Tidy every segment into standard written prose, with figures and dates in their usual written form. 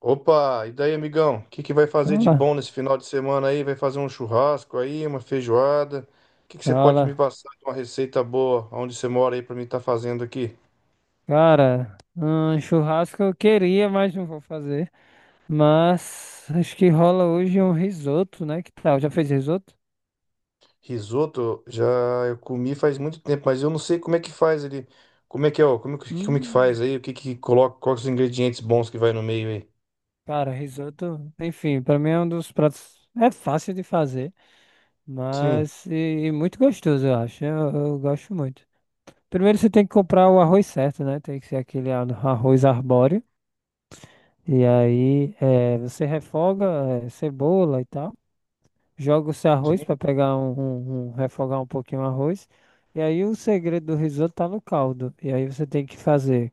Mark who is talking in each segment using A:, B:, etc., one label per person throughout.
A: Opa, e daí, amigão? O que que vai fazer de
B: Fala,
A: bom nesse final de semana aí? Vai fazer um churrasco aí, uma feijoada? O que que você pode me
B: fala.
A: passar de uma receita boa onde você mora aí pra mim estar fazendo aqui?
B: Cara, um churrasco eu queria, mas não vou fazer. Mas acho que rola hoje um risoto, né? Que tal? Já fez risoto?
A: Risoto, já eu comi faz muito tempo, mas eu não sei como é que faz ele. Como é que é, ó? Como é que faz
B: Hum,
A: aí? O que que coloca? Quais os ingredientes bons que vai no meio aí?
B: cara, risoto, enfim, pra mim é um dos pratos. É fácil de fazer,
A: Sim,
B: mas e muito gostoso, eu acho. Eu gosto muito. Primeiro você tem que comprar o arroz certo, né? Tem que ser aquele arroz arbóreo. E aí você refoga cebola e tal. Joga o seu arroz
A: sim,
B: para pegar refogar um pouquinho o arroz. E aí o segredo do risoto tá no caldo. E aí você tem que fazer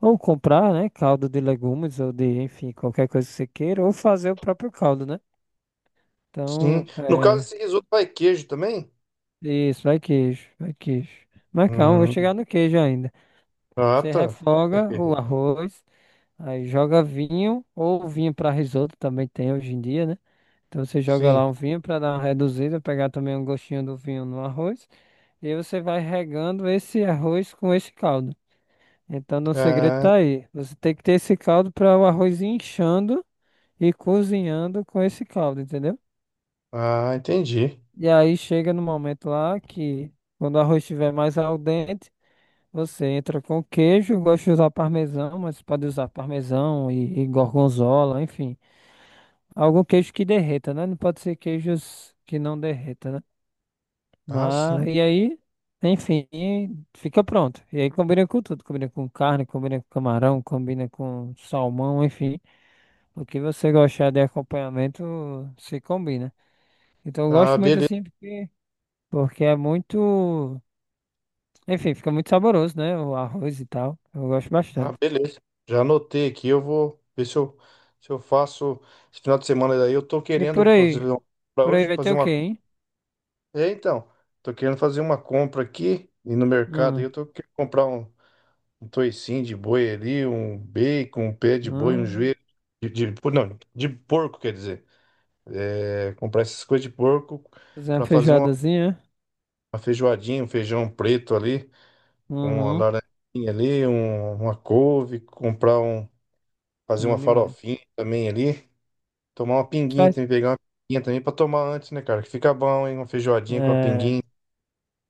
B: ou comprar, né, caldo de legumes ou de, enfim, qualquer coisa que você queira, ou fazer o próprio caldo, né?
A: sim.
B: Então,
A: No caso,
B: é
A: esse risoto vai queijo também?
B: isso, vai queijo, vai queijo. Mas calma, vou
A: Hum,
B: chegar no queijo ainda.
A: ah,
B: Você
A: tá.
B: refoga o arroz, aí joga vinho ou vinho para risoto também tem hoje em dia, né? Então você joga lá
A: Sim.
B: um vinho para dar uma reduzida, pegar também um gostinho do vinho no arroz. E você vai regando esse arroz com esse caldo. Então, o segredo
A: Ah,
B: tá aí. Você tem que ter esse caldo para o arroz ir inchando e cozinhando com esse caldo, entendeu?
A: ah, entendi.
B: E aí chega no momento lá que, quando o arroz estiver mais al dente, você entra com queijo. Eu gosto de usar parmesão, mas pode usar parmesão e gorgonzola, enfim. Algum queijo que derreta, né? Não pode ser queijos que não derreta, né?
A: Ah,
B: Mas,
A: sim.
B: e aí, enfim, fica pronto. E aí combina com tudo. Combina com carne, combina com camarão, combina com salmão, enfim. O que você gostar de acompanhamento se combina. Então eu
A: Ah,
B: gosto muito
A: beleza.
B: assim porque, porque é muito. Enfim, fica muito saboroso, né? O arroz e tal. Eu gosto
A: Ah,
B: bastante.
A: beleza. Já anotei aqui, eu vou ver se eu, se eu faço esse final de semana daí. Eu tô
B: E por
A: querendo
B: aí?
A: fazer um, para
B: Por aí
A: hoje
B: vai ter
A: fazer
B: o quê,
A: uma.
B: hein?
A: É, então, tô querendo fazer uma compra aqui e no mercado aí
B: Hum,
A: eu tô querendo comprar um toicinho de boi ali, um bacon, um pé de boi, um
B: hum,
A: joelho não, de porco, quer dizer. É, comprar essas coisas de porco
B: fazer uma
A: para fazer
B: feijoadazinha.
A: uma feijoadinha, um feijão preto ali, com uma
B: Uhum, é
A: laranjinha ali, uma couve, comprar um. Fazer uma
B: bom demais.
A: farofinha também ali. Tomar uma pinguinha
B: Faz.
A: também, pegar uma pinguinha também pra tomar antes, né, cara? Que fica bom, hein? Uma feijoadinha com a
B: É.
A: pinguinha.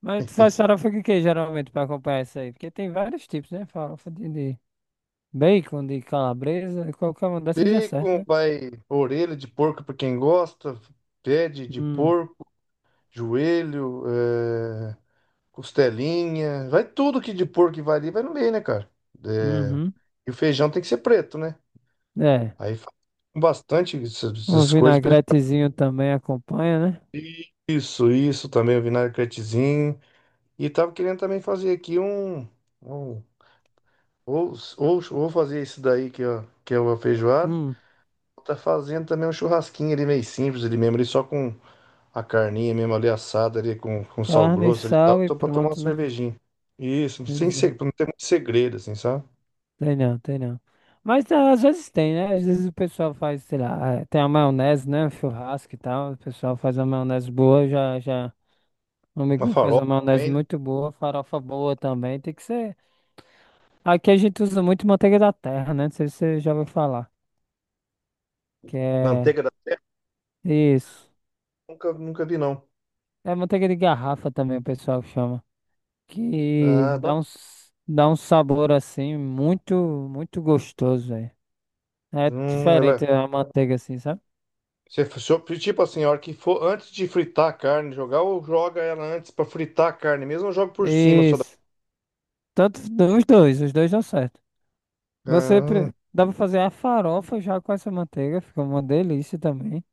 B: Mas tu faz farofa de quê, geralmente, pra acompanhar isso aí? Porque tem vários tipos, né? Farofa de bacon, de calabresa, qualquer uma dessas dá certo,
A: Bacon,
B: né?
A: vai orelha de porco pra quem gosta, pé de
B: Hum,
A: porco, joelho, é, costelinha, vai tudo que de porco que vai ali, vai no meio, né, cara? É,
B: uhum.
A: e o feijão tem que ser preto, né?
B: É.
A: Aí faz com bastante
B: Um
A: essas coisas pra
B: vinagretezinho também acompanha, né?
A: isso, isso também, o vinagretezinho. E tava querendo também fazer aqui um... ou fazer isso daí que, ó, que é uma feijoada.
B: Hum,
A: Tá fazendo também um churrasquinho ali meio simples ali mesmo, ali só com a carninha mesmo ali assada ali com sal
B: carne,
A: grosso ali e tal.
B: sal e
A: Tô pra tomar uma
B: pronto, né?
A: cervejinha. Isso, sem segredo,
B: Exato.
A: não tem muito segredo, assim, sabe?
B: Tem não, tem não. Mas ah, às vezes tem, né? Às vezes o pessoal faz, sei lá, ah, tem a maionese, né? Churrasco e tal. O pessoal faz uma maionese boa, já, já. Um amigo
A: Uma
B: meu faz
A: farofa
B: uma maionese
A: também, né?
B: muito boa, farofa boa também. Tem que ser. Aqui a gente usa muito manteiga da terra, né? Não sei se você já ouviu falar. Que
A: Manteiga
B: é.
A: da terra,
B: Isso.
A: nunca vi, não.
B: É manteiga de garrafa também, o pessoal chama. Que
A: Ah,
B: dá
A: bacana.
B: dá um sabor assim, muito, muito gostoso, velho. É
A: Ela
B: diferente
A: é.
B: a manteiga assim, sabe?
A: Você, tipo assim, a hora que for antes de fritar a carne, jogar, ou joga ela antes pra fritar a carne mesmo, ou joga por cima só da.
B: Isso. Tanto os dois dão certo.
A: Ah,
B: Dá pra fazer a farofa já com essa manteiga, fica uma delícia também.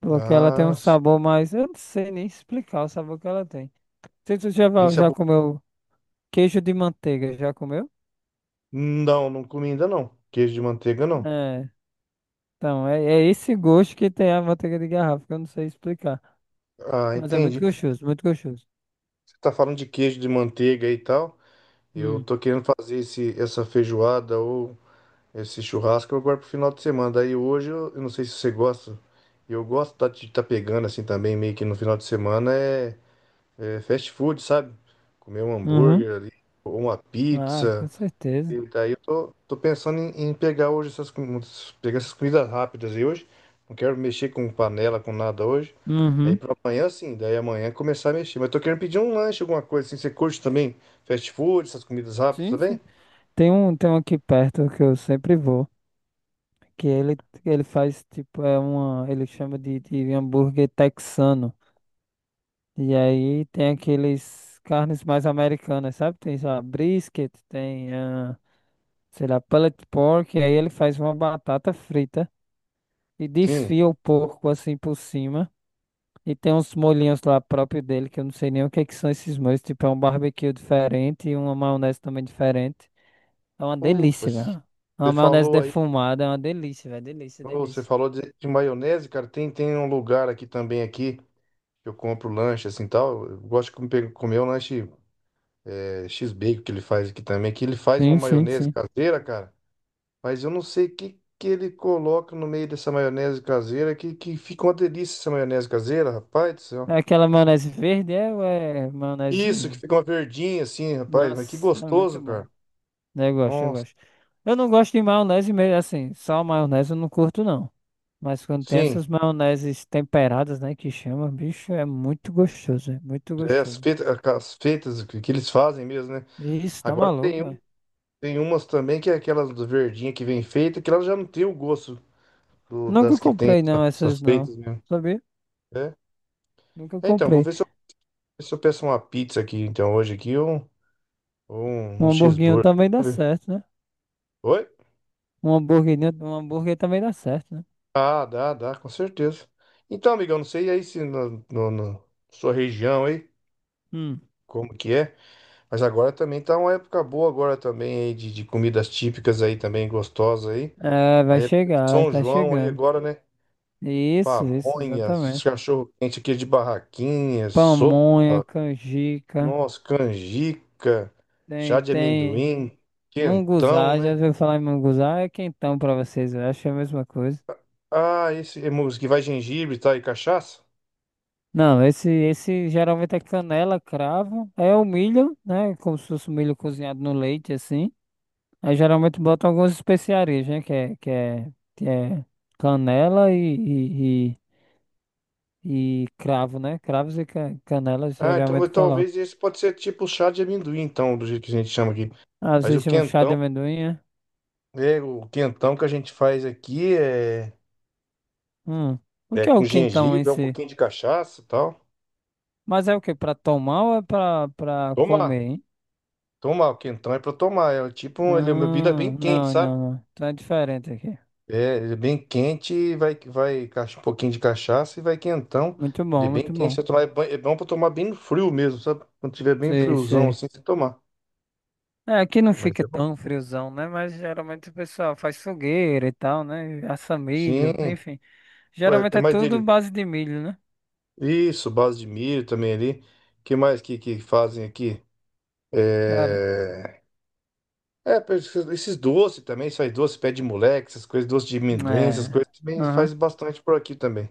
B: Porque ela tem um
A: nossa.
B: sabor mais. Eu não sei nem explicar o sabor que ela tem. Não sei se você
A: Bem...
B: já comeu. Queijo de manteiga, já comeu?
A: Não, não comi ainda não. Queijo de manteiga não.
B: É. Então, é esse gosto que tem a manteiga de garrafa, que eu não sei explicar.
A: Ah,
B: Mas é muito
A: entendi.
B: gostoso, muito gostoso.
A: Você tá falando de queijo de manteiga e tal. Eu
B: Hum.
A: tô querendo fazer esse, essa feijoada ou esse churrasco agora pro final de semana. Daí hoje eu não sei se você gosta. De estar pegando assim também, meio que no final de semana é fast food, sabe? Comer um
B: Uhum.
A: hambúrguer ali, ou uma
B: Ah, com
A: pizza.
B: certeza.
A: E daí tô pensando em pegar hoje essas, pegar essas comidas rápidas aí hoje. Não quero mexer com panela, com nada hoje. Aí
B: Uhum.
A: pra amanhã sim, daí amanhã começar a mexer. Mas tô querendo pedir um lanche, alguma coisa assim. Você curte também fast food, essas comidas rápidas
B: Sim,
A: também?
B: sim. Tem um aqui perto que eu sempre vou, que ele faz tipo, é uma, ele chama de hambúrguer texano. E aí tem aqueles carnes mais americanas, sabe? Tem, sei lá, brisket, tem, ah, sei lá, pulled pork, e aí ele faz uma batata frita. E
A: Sim.
B: desfia o porco assim por cima. E tem uns molhinhos lá próprio dele, que eu não sei nem o que é que são esses molhos. Tipo, é um barbecue diferente e uma maionese também diferente. É uma
A: Opa,
B: delícia, velho. É uma
A: você
B: maionese
A: falou aí,
B: defumada, é uma delícia, velho. Delícia,
A: ô, você
B: delícia.
A: falou de maionese, cara. Tem um lugar aqui também aqui que eu compro lanche assim tal. Eu gosto de comer um lanche é, X-Bacon que ele faz aqui também, que ele faz uma
B: Sim, sim,
A: maionese
B: sim.
A: caseira, cara. Mas eu não sei que ele coloca no meio dessa maionese caseira, que fica uma delícia essa maionese caseira, rapaz do
B: É
A: céu.
B: aquela maionese verde é, ou é
A: Isso,
B: maionese.
A: que fica uma verdinha assim, rapaz, mas que
B: Nossa, é
A: gostoso,
B: muito bom.
A: cara.
B: Né, eu gosto, eu
A: Nossa,
B: gosto. Eu não gosto de maionese mesmo, assim, só maionese eu não curto, não. Mas quando tem
A: sim,
B: essas maioneses temperadas, né, que chama, bicho, é muito gostoso, é muito
A: é,
B: gostoso.
A: as feitas que eles fazem mesmo, né?
B: Isso, tá
A: Agora tem,
B: maluco,
A: um,
B: velho.
A: tem umas também que é aquelas do verdinha que vem feita, que elas já não tem o gosto
B: Nunca
A: das que tem
B: comprei, não, essas
A: essas
B: não.
A: feitas mesmo.
B: Sabia?
A: É,
B: Nunca
A: é, então, vou
B: comprei.
A: ver se eu, se eu peço uma pizza aqui, então, hoje aqui,
B: Um
A: um
B: hamburguinho
A: cheeseburger.
B: também dá
A: Vamos ver.
B: certo, né?
A: Oi?
B: Um hamburguinho, um hambúrguer também dá certo, né?
A: Ah, dá, dá, com certeza. Então, amigão, não sei aí se na sua região aí,
B: Hum.
A: como que é, mas agora também tá uma época boa agora também aí de comidas típicas aí também, gostosas aí.
B: É, vai
A: Aí é
B: chegar,
A: São
B: tá
A: João aí
B: chegando.
A: agora, né?
B: Isso,
A: Pamonhas,
B: exatamente.
A: cachorro-quente aqui de barraquinha, sopa,
B: Pamonha, canjica,
A: nossa, canjica, chá
B: tem,
A: de
B: tem.
A: amendoim, quentão,
B: Munguzá, já
A: né?
B: ouviu falar em Munguzá? É quentão pra vocês, eu acho que é a mesma coisa.
A: Ah, esse é música que vai gengibre, tá? E cachaça?
B: Não, esse geralmente é canela, cravo, é o milho, né? Como se fosse o milho cozinhado no leite, assim. Aí geralmente botam algumas especiarias, né? Que é canela e, e cravo, né? Cravos e canelas
A: Ah, então
B: geralmente
A: mas
B: colocam.
A: talvez esse pode ser tipo o chá de amendoim, então, do jeito que a gente chama aqui.
B: Ah,
A: Mas
B: vocês
A: o
B: chamam chá de
A: quentão,
B: amendoim, é?
A: é, o quentão que a gente faz aqui
B: Hum. O
A: é
B: que é
A: com
B: o quentão em
A: gengibre, é um
B: si?
A: pouquinho de cachaça e tal.
B: Mas é o que? Pra tomar ou é pra
A: Tomar,
B: comer, hein?
A: tomar o quentão é pra tomar. É tipo, ele é uma bebida bem quente,
B: Não, não,
A: sabe?
B: não. Tá diferente aqui.
A: É, ele é bem quente, e vai um pouquinho de cachaça e vai quentão.
B: Muito
A: Ele é
B: bom,
A: bem
B: muito
A: quente,
B: bom.
A: você tomar, é bom pra tomar bem no frio mesmo, sabe? Quando tiver bem
B: Sei,
A: friozão
B: sei.
A: assim, você tomar.
B: É, aqui não
A: Mas
B: fica
A: é bom.
B: tão friozão, né? Mas geralmente o pessoal faz fogueira e tal, né? Assa
A: Sim,
B: milho,
A: é
B: enfim.
A: é
B: Geralmente é
A: mais
B: tudo
A: derivados.
B: base de milho, né?
A: Isso, base de milho também ali. Que mais que fazem aqui?
B: Cara,
A: É, esses esses doces também, faz doce, pé de moleque, essas coisas, doce de amendoim, essas
B: é.
A: coisas também faz
B: Aham.
A: bastante por aqui também.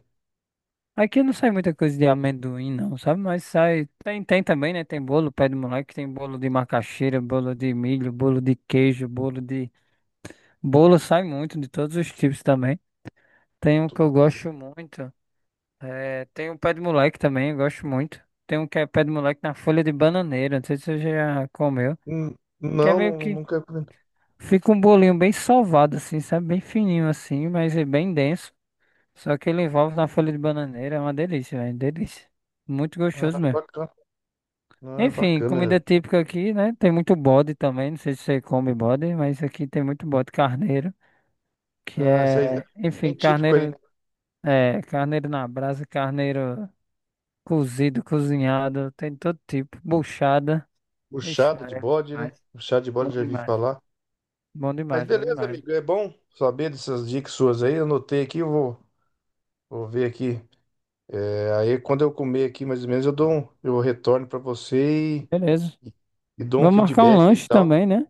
B: Aqui não sai muita coisa de amendoim, não, sabe? Mas sai. Tem, tem também, né? Tem bolo, pé de moleque, tem bolo de macaxeira, bolo de milho, bolo de queijo, bolo de. Bolo sai muito, de todos os tipos também. Tem um que eu gosto muito. É, tem um pé de moleque também, eu gosto muito. Tem um que é pé de moleque na folha de bananeira, não sei se você já comeu.
A: Hum,
B: Que é
A: Não,
B: meio que
A: nunca comi.
B: fica um bolinho bem sovado, assim, sabe? Bem fininho assim, mas é bem denso. Só que ele envolve na folha de bananeira, é uma delícia, velho, delícia. Muito
A: Ah,
B: gostoso
A: é
B: mesmo.
A: bacana. Ah,
B: Enfim,
A: bacana.
B: comida típica aqui, né? Tem muito bode também, não sei se você come bode, mas aqui tem muito bode carneiro, que
A: Ah, isso aí é
B: é, enfim,
A: bem típico aí,
B: carneiro,
A: né?
B: é, carneiro na brasa, carneiro. Cozido, cozinhado, tem todo tipo. Buchada. Ixi,
A: Buchada de
B: Maria, bom
A: bode,
B: demais.
A: né? Buchada de
B: Bom
A: bode, já vi
B: demais.
A: falar.
B: Bom
A: Mas
B: demais, bom
A: beleza,
B: demais.
A: amigo, é bom saber dessas dicas suas aí. Eu anotei aqui, vou ver aqui. Aí quando eu comer aqui, mais ou menos, eu retorno para você
B: Beleza.
A: e dou um
B: Vamos marcar um
A: feedback aí e
B: lanche
A: tal.
B: também, né?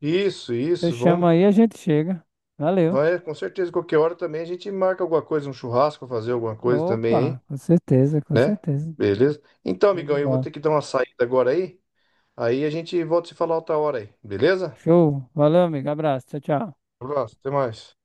A: Isso,
B: Você
A: isso, vamos,
B: chama aí, a gente chega. Valeu.
A: vai, com certeza, qualquer hora também a gente marca alguma coisa, um churrasco, fazer alguma coisa também aí,
B: Opa, com certeza, com
A: né?
B: certeza.
A: Beleza? Então,
B: Show de
A: amigão, eu vou
B: bola.
A: ter que dar uma saída agora aí, aí a gente volta a se falar outra hora aí, beleza?
B: Show. Valeu, amigo. Abraço. Tchau, tchau.
A: Um abraço, até mais.